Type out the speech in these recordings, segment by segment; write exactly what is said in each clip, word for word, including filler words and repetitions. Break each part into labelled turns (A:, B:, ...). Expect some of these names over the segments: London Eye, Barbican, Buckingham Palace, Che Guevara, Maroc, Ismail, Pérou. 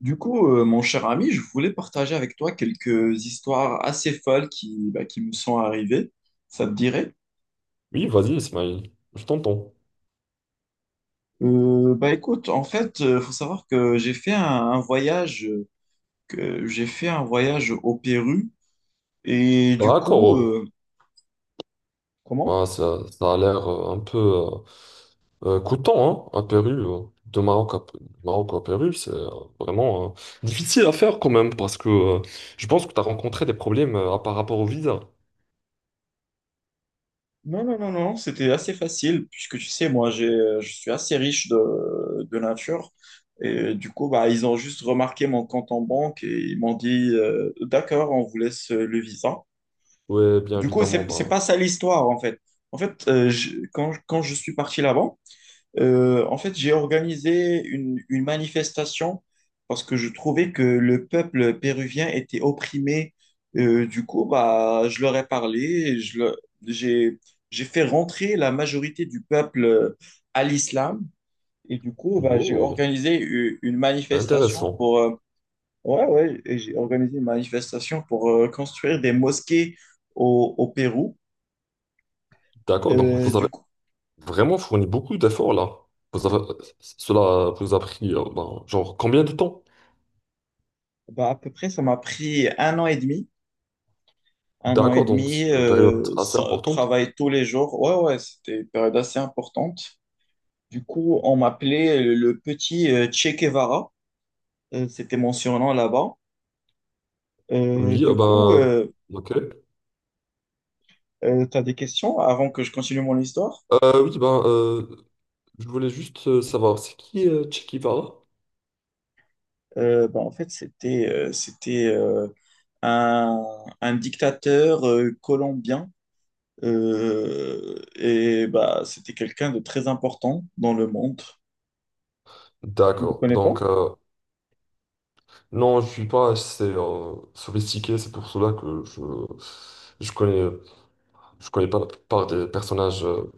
A: Du coup, euh, mon cher ami, je voulais partager avec toi quelques histoires assez folles qui, bah, qui me sont arrivées. Ça te dirait?
B: Oui, vas-y, Ismail, je t'entends.
A: Euh, bah écoute, en fait, il faut savoir que j'ai fait un, un voyage, euh, que j'ai fait un voyage au Pérou et du
B: D'accord,
A: coup,
B: oh.
A: euh, comment?
B: Ouais, ça, ça a l'air euh, un peu euh, euh, coûtant, hein, à Pérou. euh. De Maroc à, Maroc à Pérou, c'est euh, vraiment euh, difficile à faire quand même, parce que euh, je pense que tu as rencontré des problèmes euh, par rapport au visa.
A: Non, non, non, non, c'était assez facile puisque tu sais, moi, j'ai, euh, je suis assez riche de, de nature et du coup, bah ils ont juste remarqué mon compte en banque et ils m'ont dit, euh, d'accord, on vous laisse le visa.
B: Oui, bien
A: Du coup,
B: évidemment,
A: c'est c'est
B: bah,
A: pas ça l'histoire en fait. En fait, euh, je- quand, quand je suis parti là-bas, euh, en fait, j'ai organisé une, une manifestation parce que je trouvais que le peuple péruvien était opprimé. Euh, du coup, bah, je leur ai parlé, et je le- j'ai j'ai fait rentrer la majorité du peuple euh, à l'islam et du coup, bah, j'ai
B: wow,
A: organisé u- une manifestation
B: intéressant.
A: pour euh, ouais ouais, et j'ai organisé une manifestation pour euh, construire des mosquées au au Pérou.
B: D'accord, donc
A: Euh,
B: vous avez
A: du coup,
B: vraiment fourni beaucoup d'efforts là. Vous avez, cela vous a pris, euh, bah, genre, combien de temps?
A: bah, à peu près, ça m'a pris un an et demi. Un an et
B: D'accord, donc
A: demi,
B: c'est une période
A: euh,
B: assez
A: sans-
B: importante.
A: travail tous les jours. Ouais, ouais, c'était une période assez importante. Du coup, on m'appelait euh, le petit euh, Che Guevara. Euh, c'était mon surnom là-bas. Euh,
B: Oui, ah
A: du coup,
B: bah, ok.
A: Tu as des questions avant que je continue mon histoire?
B: Euh, oui, ben, euh, je voulais juste euh, savoir, c'est qui euh, Che Guevara?
A: Euh, bah, en fait, c'était euh, c'était euh, un, un dictateur euh, colombien. Euh, et bah, c'était quelqu'un de très important dans le monde. Tu ne
B: D'accord.
A: connais pas?
B: Donc, euh, non, je suis pas assez euh, sophistiqué, c'est pour cela que je, je connais, je connais pas la plupart des personnages euh,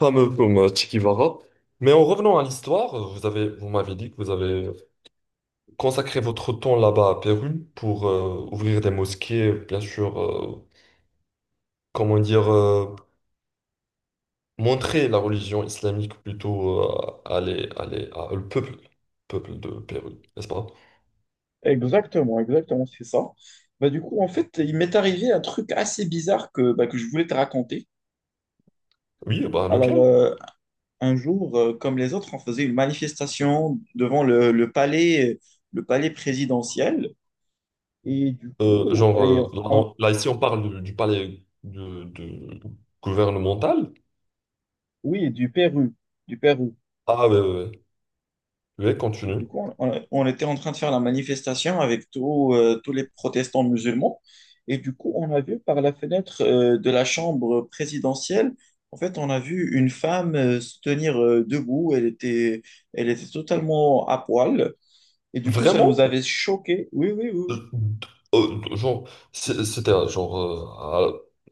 B: fameux comme euh, Che Guevara. Mais en revenant à l'histoire, euh, vous avez, vous m'avez dit que vous avez consacré votre temps là-bas à Pérou pour euh, ouvrir des mosquées, bien sûr, euh, comment dire, euh, montrer la religion islamique plutôt euh, à, les- à les- à le peuple, peuple de Pérou, n'est-ce pas?
A: Exactement, exactement, c'est ça. Bah, du coup, en fait, il m'est arrivé un truc assez bizarre que, bah, que je voulais te raconter.
B: Oui, bah
A: Alors,
B: lequel?
A: euh, un jour, euh, comme les autres, on faisait une manifestation devant le, le palais, le palais présidentiel. Et du
B: Euh,
A: coup,
B: genre,
A: et
B: euh,
A: on-
B: là, là, ici, on parle du, du palais de, de- gouvernemental.
A: oui, du Pérou, du Pérou.
B: Ah, ouais, ouais, ouais, ouais,
A: Et
B: continue.
A: du coup, on, on- on était en train de faire la manifestation avec tous euh, tous les protestants musulmans. Et du coup, on a vu par la fenêtre euh, de la chambre présidentielle, en fait, on a vu une femme euh, se tenir euh, debout. Elle était, elle était totalement à poil. Et du coup, ça nous
B: Vraiment?
A: avait choqués. Oui, oui, oui, oui.
B: Euh, euh, genre, c'est- c'était euh, genre euh,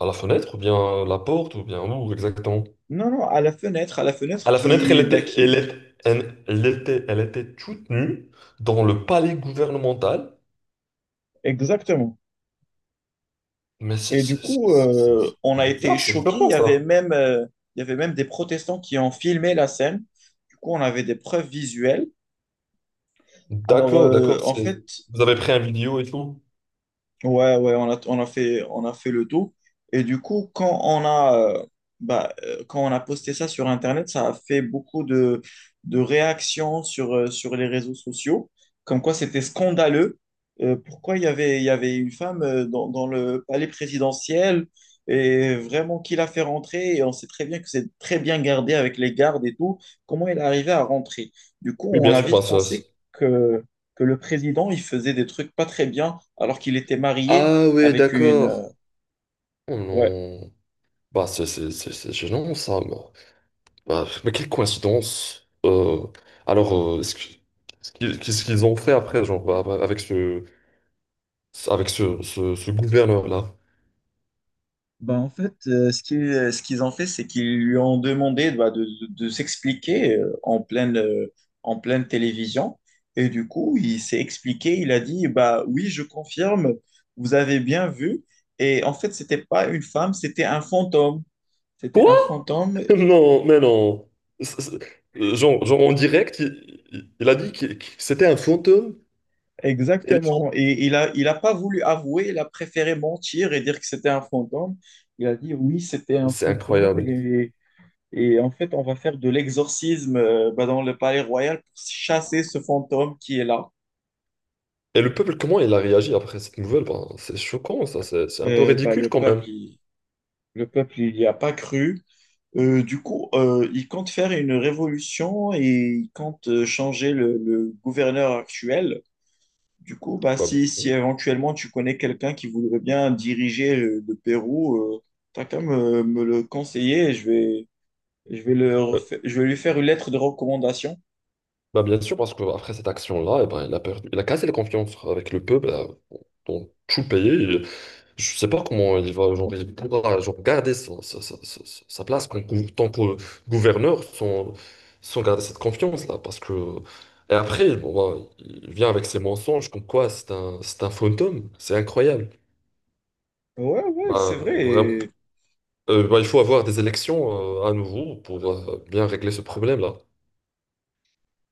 B: à, à la fenêtre, ou bien la porte, ou bien où exactement?
A: Non, non, à la fenêtre, à la
B: À
A: fenêtre
B: la fenêtre, elle
A: qui, bah,
B: était, elle
A: qui,
B: est- elle elle était, elle était toute nue dans le palais gouvernemental.
A: exactement.
B: Mais c'est
A: Et du
B: c'est- c'est-
A: coup,
B: c'est-
A: euh, on
B: c'est
A: a été
B: bizarre, c'est
A: choqués. Il
B: flippant
A: y avait
B: ça.
A: même, euh, il y avait même des protestants qui ont filmé la scène. Du coup, on avait des preuves visuelles. Alors,
B: D'accord,
A: euh,
B: d'accord.
A: en
B: c'est-
A: fait,
B: Vous avez pris un vidéo et tout?
A: Ouais, ouais, on a, on a fait, on a fait le tout. Et du coup, quand on a, euh, bah, euh, quand on a posté ça sur Internet, ça a fait beaucoup de, de réactions sur, euh, sur les réseaux sociaux, comme quoi c'était scandaleux. Euh, pourquoi il y avait, il y avait une femme euh, dans, dans le palais présidentiel et vraiment qui l'a fait rentrer? Et on sait très bien que c'est très bien gardé avec les gardes et tout. Comment elle est arrivée à rentrer? Du coup,
B: Oui,
A: on
B: bien
A: a
B: sûr. Bah,
A: vite
B: ça, c'est-
A: pensé que le président, il faisait des trucs pas très bien alors qu'il était marié
B: ah oui,
A: avec une... euh,
B: d'accord. Oh
A: ouais.
B: non. Bah, c'est c'est- c'est- c'est gênant ça. Bah, bah, mais quelle coïncidence. Euh, alors, euh, est-ce que- qu'est-ce qu'ils qu'est-ce qu'ils ont fait après, genre, bah, bah, avec ce, avec ce, ce, ce gouverneur-là?
A: Bah, en fait, euh, ce qui- euh, ce qu'ils ont fait, c'est qu'ils lui ont demandé bah, de, de- de s'expliquer euh, en pleine, euh, en pleine télévision. Et du coup, il s'est expliqué, il a dit, bah oui, je confirme, vous avez bien vu. Et en fait, c'était pas une femme, c'était un fantôme. C'était
B: Quoi?
A: un fantôme.
B: Non, mais non. C'est- c'est- euh, genre, genre, en direct, il, il- il a dit que que c'était un fantôme.
A: Exactement. Et il a, il a pas voulu avouer, il a préféré mentir et dire que c'était un fantôme. Il a dit oui, c'était un
B: C'est
A: fantôme,
B: incroyable.
A: et, et en fait, on va faire de l'exorcisme euh, bah, dans le palais royal pour chasser ce fantôme qui est là.
B: Et le peuple, comment il a réagi après cette nouvelle? Ben, c'est choquant, ça. C'est c'est un peu
A: Euh, bah,
B: ridicule
A: le
B: quand
A: peuple,
B: même.
A: il, le peuple, il n'y a pas cru. Euh, du coup, euh, il compte faire une révolution et il compte euh, changer le, le gouverneur actuel. Du coup, bah,
B: Bah,
A: si, si éventuellement tu connais quelqu'un qui voudrait bien diriger euh, le Pérou, tu as qu'à me, me le conseiller et je vais, je vais le
B: euh,
A: refa- je vais lui faire une lettre de recommandation.
B: bah, bien sûr, parce qu'après cette action-là, eh ben, il a perdu, il a cassé la confiance avec le peuple euh, dans tout le pays. Je je sais pas comment il va, genre, il pourra genre, garder son- sa, sa- sa- sa place en tant que gouverneur sans, sans garder cette confiance-là. Parce que... Et après, bon, bah, il vient avec ses mensonges comme quoi c'est un, c'est un fantôme. C'est incroyable.
A: Ouais, ouais,
B: Bah,
A: c'est vrai.
B: vraiment.
A: Et,
B: Euh, bah, il faut avoir des élections euh, à nouveau pour euh, bien régler ce problème-là.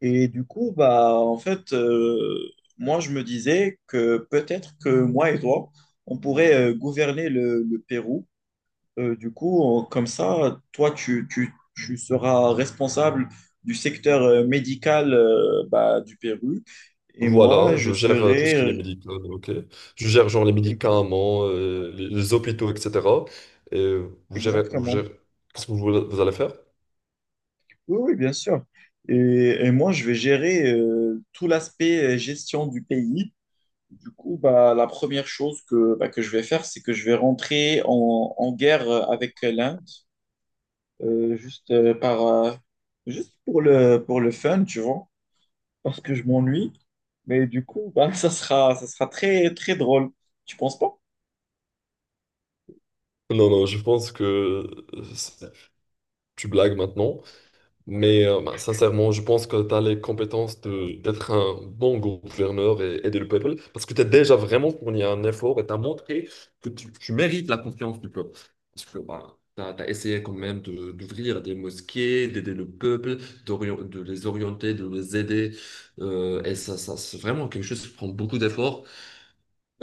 A: et du coup, bah, en fait, euh, Moi, je me disais que peut-être que moi et toi, on pourrait euh, gouverner le, le Pérou. Euh, du coup, on- comme ça, toi, tu, tu- tu seras responsable du secteur euh, médical euh, bah, du Pérou et moi,
B: Voilà,
A: je
B: je gère euh, tout ce
A: serai...
B: qui est
A: euh,
B: médical, ok? Je gère genre les
A: ex-
B: médicaments, euh, les, les hôpitaux, et cetera. Et euh, vous gérez, vous
A: Exactement.
B: gérez... Qu'est-ce que vous, vous allez faire?
A: Oui, oui, bien sûr. Et, et moi, je vais gérer euh, tout l'aspect euh, gestion du pays. Du coup, bah, la première chose que, bah, que je vais faire, c'est que je vais rentrer en, en guerre avec l'Inde, euh, juste, euh, par, euh, juste pour le, pour le fun, tu vois. Parce que je m'ennuie. Mais du coup, bah, ça sera, ça sera très, très drôle. Tu penses pas?
B: Non, non, je pense que euh, c'est- tu blagues maintenant. Mais euh, bah, sincèrement, je pense que tu as les compétences de, d'être un bon gouverneur et aider le peuple parce que tu as déjà vraiment fourni un effort et tu as montré que tu, tu mérites la confiance du peuple. Parce que tu as, essayé quand même de- d'ouvrir des mosquées, d'aider le peuple, d'orien- de les orienter, de les aider. Euh, et ça, ça, c'est vraiment quelque chose qui prend beaucoup d'efforts.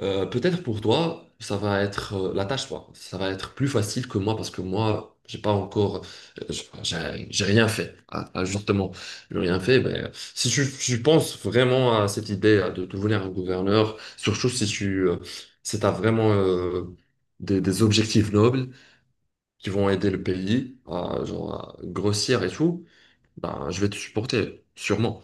B: Euh, peut-être pour toi, ça va être euh, la tâche, toi. Ça va être plus facile que moi parce que moi, j'ai pas encore, euh, j'ai j'ai- j'ai rien fait. Ah, ah, justement, j'ai rien fait. Mais euh, si tu, tu penses vraiment à cette idée euh, de devenir un gouverneur, surtout si tu, euh, si t'as vraiment euh, des, des objectifs nobles qui vont aider le pays à, genre, à grossir et tout, ben, je vais te supporter, sûrement.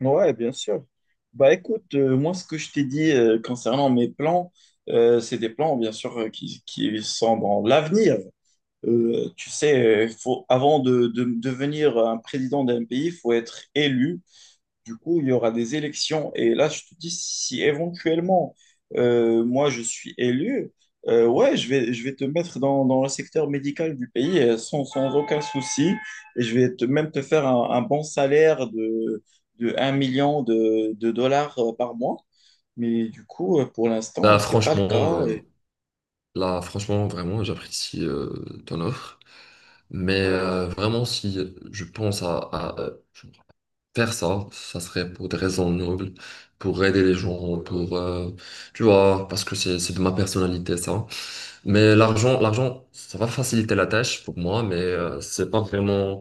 A: Ouais, bien sûr. Bah écoute, euh, moi, ce que je t'ai dit euh, concernant mes plans, euh, c'est des plans, bien sûr, euh, qui, qui sont dans l'avenir. Euh, tu sais, euh, faut, avant de, de devenir un président d'un pays, il faut être élu. Du coup, il y aura des élections. Et là, je te dis, si éventuellement, euh, moi, je suis élu, euh, ouais, je vais, je vais te mettre dans, dans le secteur médical du pays euh, sans, sans aucun souci. Et je vais te, même te faire un, un bon salaire de, de un million de, de dollars euh, par mois. Mais du coup, euh, pour l'instant,
B: Là,
A: c'est pas le cas.
B: franchement, euh, là, franchement, vraiment, j'apprécie euh, ton offre. Mais euh, vraiment, si je pense à, à, euh, faire ça, ça serait pour des raisons nobles, pour aider les gens, pour, euh, tu vois, parce que c'est, c'est de ma personnalité, ça. Mais l'argent, l'argent, ça va faciliter la tâche pour moi, mais euh, c'est pas vraiment,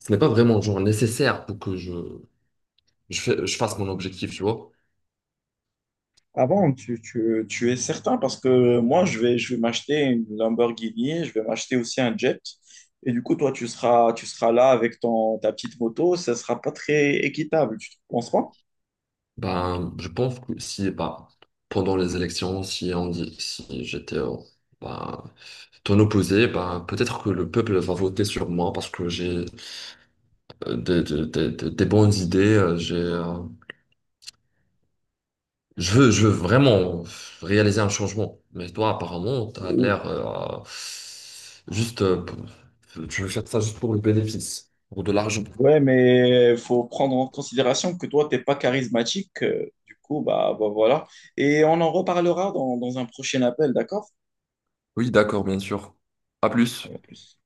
B: ce n'est pas vraiment genre nécessaire pour que je, je, fais- je fasse mon objectif, tu vois.
A: Avant, tu, tu, tu es certain parce que moi, je vais, je vais m'acheter une Lamborghini, je vais m'acheter aussi un jet. Et du coup, toi, tu seras, tu seras là avec ton, ta petite moto, ça sera pas très équitable, tu ne penses pas?
B: Ben, je pense que si, bah pendant les élections, si on dit, si j'étais au- ben, ton opposé, ben, peut-être que le peuple va voter sur moi parce que j'ai euh, des, des, des- des- des bonnes idées. euh, J'ai, euh, je veux, je veux vraiment réaliser un changement. Mais toi, apparemment, tu as
A: Ou-
B: l'air euh, juste, euh, p- tu veux faire ça juste pour le bénéfice, pour de l'argent.
A: Ouais, mais faut prendre en considération que toi, t'es pas charismatique. Euh, du coup, bah, bah voilà. Et on en reparlera dans, dans un prochain appel, d'accord?
B: Oui, d'accord, bien sûr. À plus.
A: À plus.